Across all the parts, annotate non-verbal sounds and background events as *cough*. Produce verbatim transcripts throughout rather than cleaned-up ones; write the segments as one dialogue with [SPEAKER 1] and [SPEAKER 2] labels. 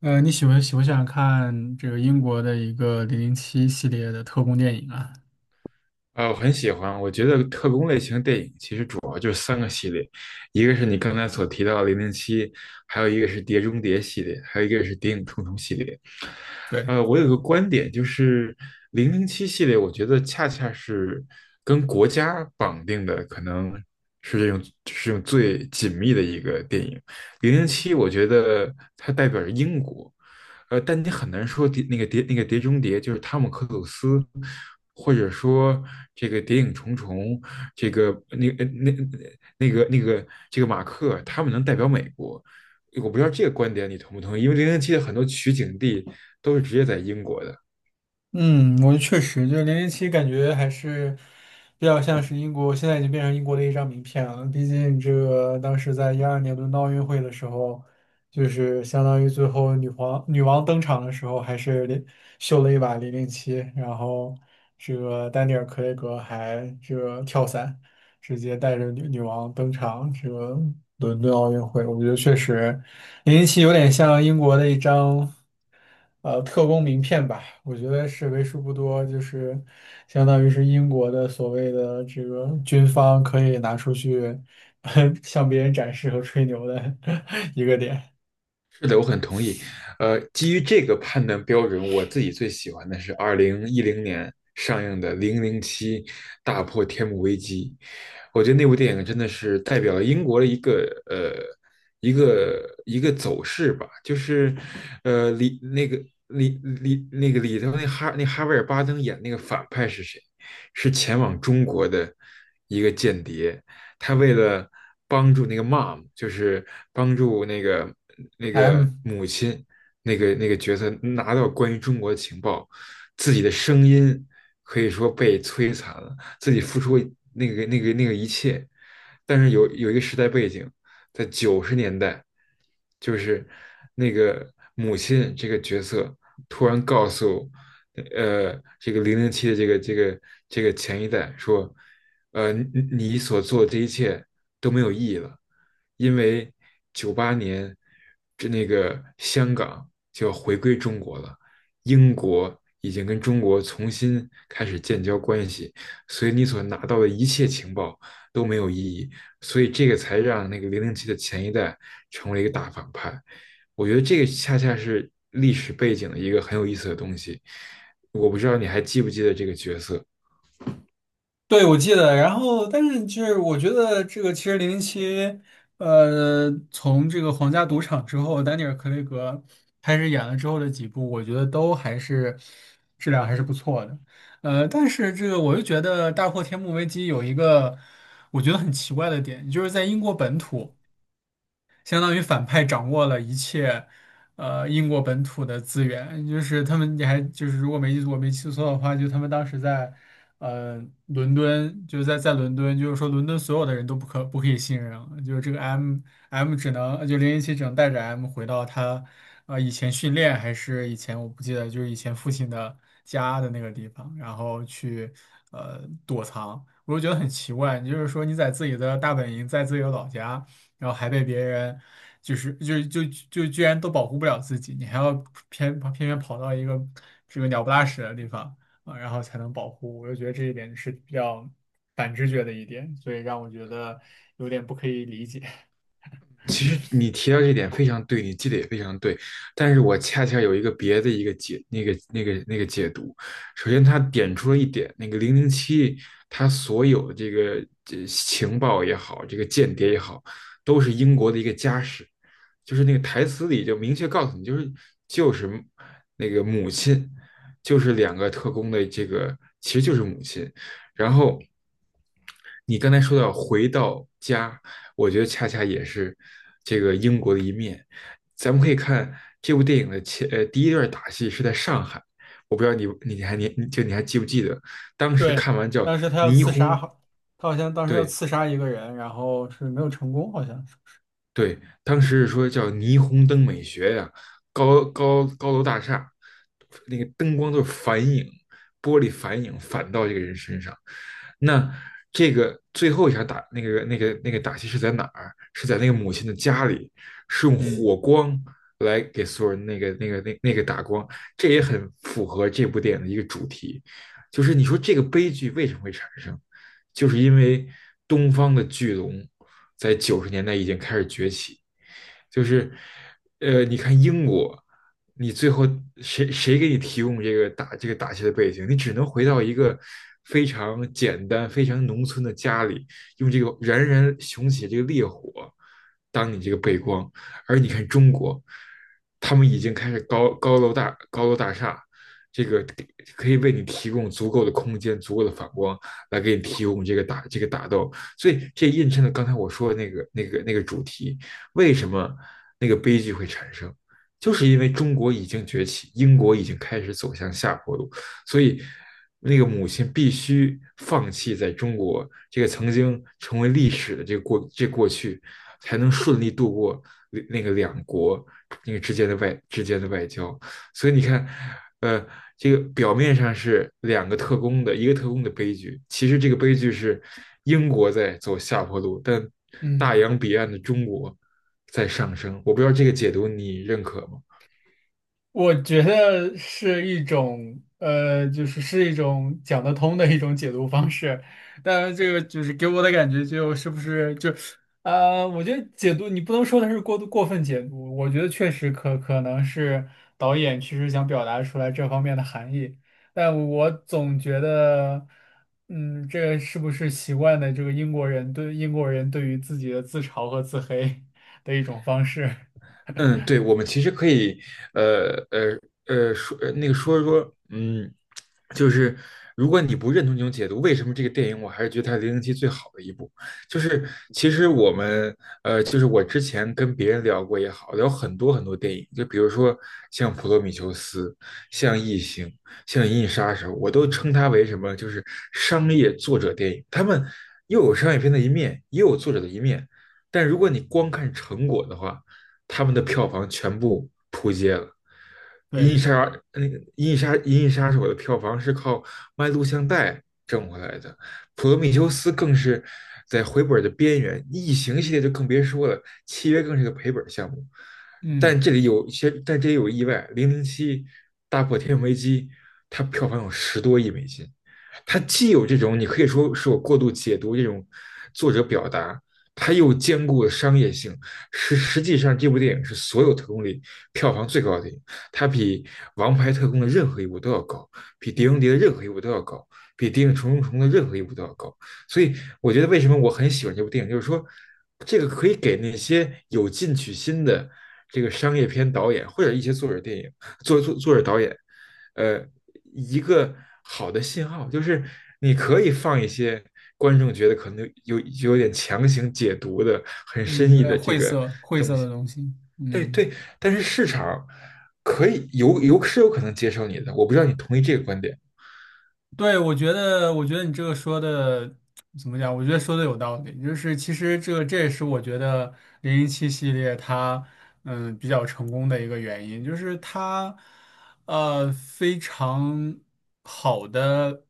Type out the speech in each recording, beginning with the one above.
[SPEAKER 1] 呃，你喜欢喜不喜欢看这个英国的一个《零零七》系列的特工电影啊？
[SPEAKER 2] 啊，我很喜欢。我觉得特工类型的电影，其实主一个是你刚才所提到的《零零七》，还有一个是《碟中谍》系列，还有一个是《谍影重重》系列。
[SPEAKER 1] 对，
[SPEAKER 2] 呃，我有个观点，就是零零七系列，我觉得恰恰是跟国家绑定的，可能是这种是用最紧密的一个电影。零零七，我觉得它代表着英国。呃，但你很难说碟那个碟那个碟中谍就是汤姆克鲁斯，或者说这个谍影重重，这个那个那那个那个这个马克，他们能代表美国。我不知道这个观点你同不同意，因为零零七的很多取景地都是直接在英国的。
[SPEAKER 1] 嗯，我确实就是零零七，感觉还是比较像是英国，现在已经变成英国的一张名片了。毕竟这个当时在一二年伦敦奥运会的时候，就是相当于最后女皇女王登场的时候，还是连秀了一把零零七，然后这个丹尼尔·克雷格还这个跳伞。直接带着女女王登场这个伦敦奥运会，我觉得确实零零七有点像英国的一张呃特工名片吧，我觉得是为数不多，就是相当于是英国的所谓的这个军方可以拿出去 *laughs* 向别人展示和吹牛的 *laughs* 一个点。
[SPEAKER 2] 是的，我很同意。呃，基于这个判断标准，我自己最喜欢的是二零一零年上映的《零零七：大破天幕危机》。我觉得那部电影真的是代表了英国的一个呃一个一个走势吧，就是呃里那个里里那个里头那哈那哈维尔巴登演那个反派是谁？是前往中国的一个间谍。他为了帮助那个 mom，就是帮助那个那个
[SPEAKER 1] M,
[SPEAKER 2] 母亲，那个那个角色拿到关于中国的情报。自己的声音可以说被摧残了，自己付出那个那个那个一切。但是有有一个时代背景，在九十年代，就是那个母亲这个角色突然告诉，呃，这个零零七的这个这个这个前一代说，呃，你你所做的这一切都没有意义了，因为九八年这那个香港就要回归中国了，英国已经跟中国重新开始建交关系，所以你所拿到的一切情报都没有意义，所以这个才让那个零零七的前一代成为一个大反派。我觉得这个恰恰是历史背景的一个很有意思的东西。我不知道你还记不记得这个角色。
[SPEAKER 1] 对，我记得，然后但是就是我觉得这个其实零零七，呃，从这个皇家赌场之后，丹尼尔·克雷格开始演了之后的几部，我觉得都还是质量还是不错的。呃，但是这个我又觉得《大破天幕危机》有一个我觉得很奇怪的点，就是在英国本土。相当于反派掌握了一切，呃，英国本土的资源，就是他们，你还就是如果没记我没记错的话，就他们当时在，呃，伦敦，就是在在伦敦，就是说伦敦所有的人都不可不可以信任了，就是这个 M M 只能就零零七只能带着 M 回到他，呃，以前训练还是以前我不记得，就是以前父亲的家的那个地方，然后去呃躲藏，我就觉得很奇怪，你就是说你在自己的大本营，在自己的老家。然后还被别人就是就就就居然都保护不了自己，你还要偏偏偏跑到一个这个鸟不拉屎的地方啊，然后才能保护。我就觉得这一点是比较反直觉的一点，所以让我觉得有点不可以理解。*laughs*
[SPEAKER 2] 其实你提到这点非常对，你记得也非常对，但是我恰恰有一个别的一个解那个那个那个解读。首先，他点出了一点，那个零零七他所有的这个这情报也好，这个间谍也好，都是英国的一个家事。就是那个台词里就明确告诉你，就是就是那个母亲，就是两个特工的这个其实就是母亲，然后。你刚才说到回到家，我觉得恰恰也是这个英国的一面。咱们可以看这部电影的前呃第一段打戏是在上海。我不知道你你还你就你还记不记得，当时
[SPEAKER 1] 对，
[SPEAKER 2] 看完叫
[SPEAKER 1] 当时他要
[SPEAKER 2] 霓
[SPEAKER 1] 刺杀，
[SPEAKER 2] 虹。
[SPEAKER 1] 好，他好像当时要
[SPEAKER 2] 对
[SPEAKER 1] 刺杀一个人，然后是没有成功，好像是。
[SPEAKER 2] 对，当时是说叫霓虹灯美学呀、高高高楼大厦，那个灯光都是反影，玻璃反影反到这个人身上。那这个最后一场打那个那个那个打戏是在哪儿？是在那个母亲的家里，是用
[SPEAKER 1] 嗯。
[SPEAKER 2] 火光来给所有人那个那个那那个打光。这也很符合这部电影的一个主题，就是你说这个悲剧为什么会产生？就是因为东方的巨龙在九十年代已经开始崛起。就是呃，你看英国，你最后谁谁给你提供这个打这个打戏的背景？你只能回到一个非常简单、非常农村的家里，用这个燃燃熊起这个烈火当你这个背光。而你看中国，他们已经开始高高楼大高楼大厦，这个可以为你提供足够的空间、足够的反光，来给你提供这个打这个打斗。所以这印证了刚才我说的那个那个那个主题：为什么那个悲剧会产生？就是因为中国已经崛起，英国已经开始走向下坡路，所以那个母亲必须放弃在中国这个曾经成为历史的这个过这过去，才能顺利度过那个两国那个之间的外之间的外交。所以你看，呃，这个表面上是两个特工的一个特工的悲剧，其实这个悲剧是英国在走下坡路，但大
[SPEAKER 1] 嗯。
[SPEAKER 2] 洋彼岸的中国在上升。我不知道这个解读你认可吗？
[SPEAKER 1] 我觉得是一种，呃，就是是一种讲得通的一种解读方式，但这个就是给我的感觉就是不是就，呃，我觉得解读你不能说它是过度过分解读，我觉得确实可可能是导演其实想表达出来这方面的含义，但我总觉得，嗯，这个是不是习惯的这个英国人对英国人对于自己的自嘲和自黑的一种方式？
[SPEAKER 2] 嗯，对，我们其实可以。呃呃呃，说呃那个说说，嗯，就是如果你不认同这种解读，为什么这个电影我还是觉得它是《零零七》最好的一部？就是其实我们，呃，就是我之前跟别人聊过也好，聊很多很多电影，就比如说像《普罗米修斯》、像《异形》、像《银翼杀手》，我都称它为什么？就是商业作者电影，他们又有商业片的一面，也有作者的一面。但如果你光看成果的话，他们的票房全部扑街了。《银
[SPEAKER 1] 对，
[SPEAKER 2] 翼杀手那个《银翼杀银翼杀手》的票房是靠卖录像带挣回来的，《普罗米修斯》更是在回本的边缘，《异形》系列就更别说了，《契约》更是个赔本项目。但
[SPEAKER 1] 嗯
[SPEAKER 2] 这里有些，但这里有意外，《零零七》大破天危机，它票房有十多亿美金。它既有这种你可以说是我过度解读这种作者表达，它又兼顾了商业性。实实际上，这部电影是所有特工里票房最高的电影。它比《王牌特工》的任何一部都要高，比《碟中
[SPEAKER 1] 嗯。
[SPEAKER 2] 谍》的任何一部都要高，比《谍影重重重》的任何一部都要高。所以，我觉得为什么我很喜欢这部电影，就是说，这个可以给那些有进取心的这个商业片导演或者一些作者电影作作作者导演，呃，一个好的信号，就是你可以放一些观众觉得可能有有点强行解读的、很
[SPEAKER 1] 嗯，
[SPEAKER 2] 深
[SPEAKER 1] 有
[SPEAKER 2] 意
[SPEAKER 1] 点
[SPEAKER 2] 的这
[SPEAKER 1] 晦
[SPEAKER 2] 个
[SPEAKER 1] 涩晦
[SPEAKER 2] 东
[SPEAKER 1] 涩
[SPEAKER 2] 西。
[SPEAKER 1] 的东西。
[SPEAKER 2] 对
[SPEAKER 1] 嗯，
[SPEAKER 2] 对，但是市场可以有有是有可能接受你的，我不知道你同意这个观点。
[SPEAKER 1] 对，我觉得，我觉得你这个说的怎么讲？我觉得说的有道理。就是其实这这也是我觉得零零七系列它嗯比较成功的一个原因，就是它呃非常好的。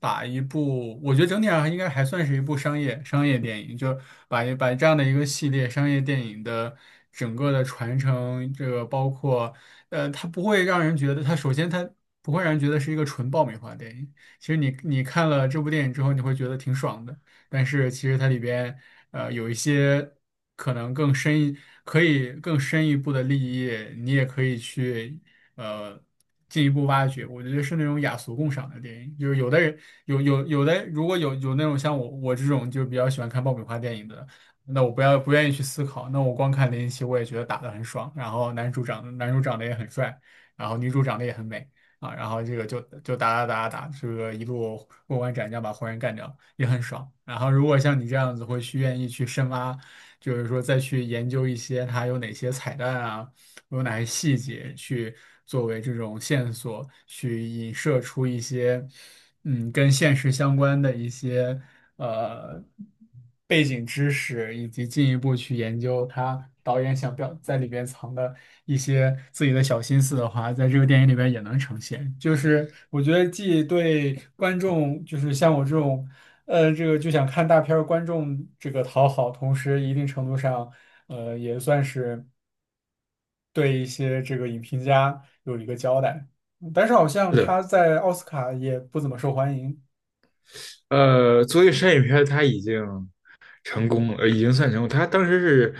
[SPEAKER 1] 把一部，我觉得整体上应该还算是一部商业商业电影，就把一把这样的一个系列商业电影的整个的传承，这个包括，呃，它不会让人觉得它首先它不会让人觉得是一个纯爆米花电影。其实你你看了这部电影之后，你会觉得挺爽的，但是其实它里边呃有一些可能更深一可以更深一步的利益，你也可以去呃进一步挖掘。我觉得是那种雅俗共赏的电影，就是有的人有有有的如果有有那种像我我这种就比较喜欢看爆米花电影的。那我不要不愿意去思考，那我光看林奇，我也觉得打得很爽，然后男主长男主长得也很帅，然后女主长得也很美。啊，然后这个就就打打打打打，这个一路过关斩将把活人干掉，也很爽。然后如果像你这样子，会去愿意去深挖，就是说再去研究一些它有哪些彩蛋啊，有哪些细节去作为这种线索，去引射出一些。嗯，跟现实相关的一些呃背景知识，以及进一步去研究他导演想表在里边藏的一些自己的小心思的话，在这个电影里边也能呈现。就是我觉得既对观众，就是像我这种呃这个就想看大片儿观众这个讨好，同时一定程度上呃也算是对一些这个影评家有一个交代。但是好像
[SPEAKER 2] 是的，
[SPEAKER 1] 他在奥斯卡也不怎么受欢迎。
[SPEAKER 2] 呃，作为商业片，它已经成功了。呃，已经算成功。他当时是，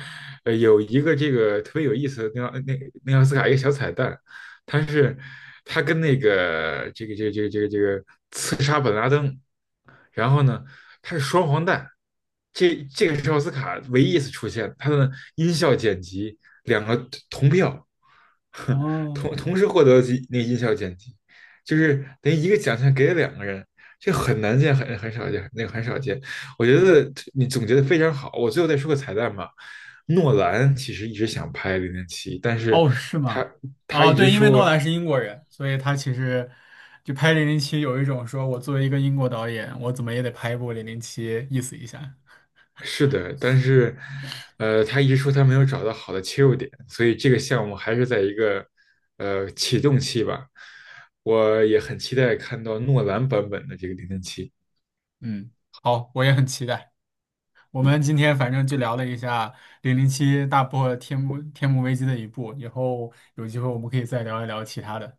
[SPEAKER 2] 呃，有一个这个特别有意思的那那那奥斯卡一个小彩蛋。他是他跟那个这个这个这个这个这个刺杀本拉登，然后呢，他是双黄蛋。这这个是奥斯卡唯一一次出现，他的音效剪辑两个同票，*laughs*
[SPEAKER 1] 哦
[SPEAKER 2] 同同时获得几那个音效剪辑，就是等于一个奖项给了两个人。这很难见，很很少见，那个很少见。我觉得你总结的非常好。我最后再说个彩蛋吧。诺兰其实一直想拍《零零七》，但是
[SPEAKER 1] 哦，是
[SPEAKER 2] 他
[SPEAKER 1] 吗？
[SPEAKER 2] 他
[SPEAKER 1] 哦，
[SPEAKER 2] 一
[SPEAKER 1] 对，
[SPEAKER 2] 直
[SPEAKER 1] 因为诺
[SPEAKER 2] 说。
[SPEAKER 1] 兰是英国人，所以他其实就拍《零零七》有一种说我作为一个英国导演，我怎么也得拍一部《零零七》意思一下。
[SPEAKER 2] 是的，但是呃，他一直说他没有找到好的切入点，所以这个项目还是在一个呃启动期吧。我也很期待看到诺兰版本的这个《零零七》。
[SPEAKER 1] 嗯，好，我也很期待。我们今天反正就聊了一下《零零七》大破天幕天幕危机的一部，以后有机会我们可以再聊一聊其他的。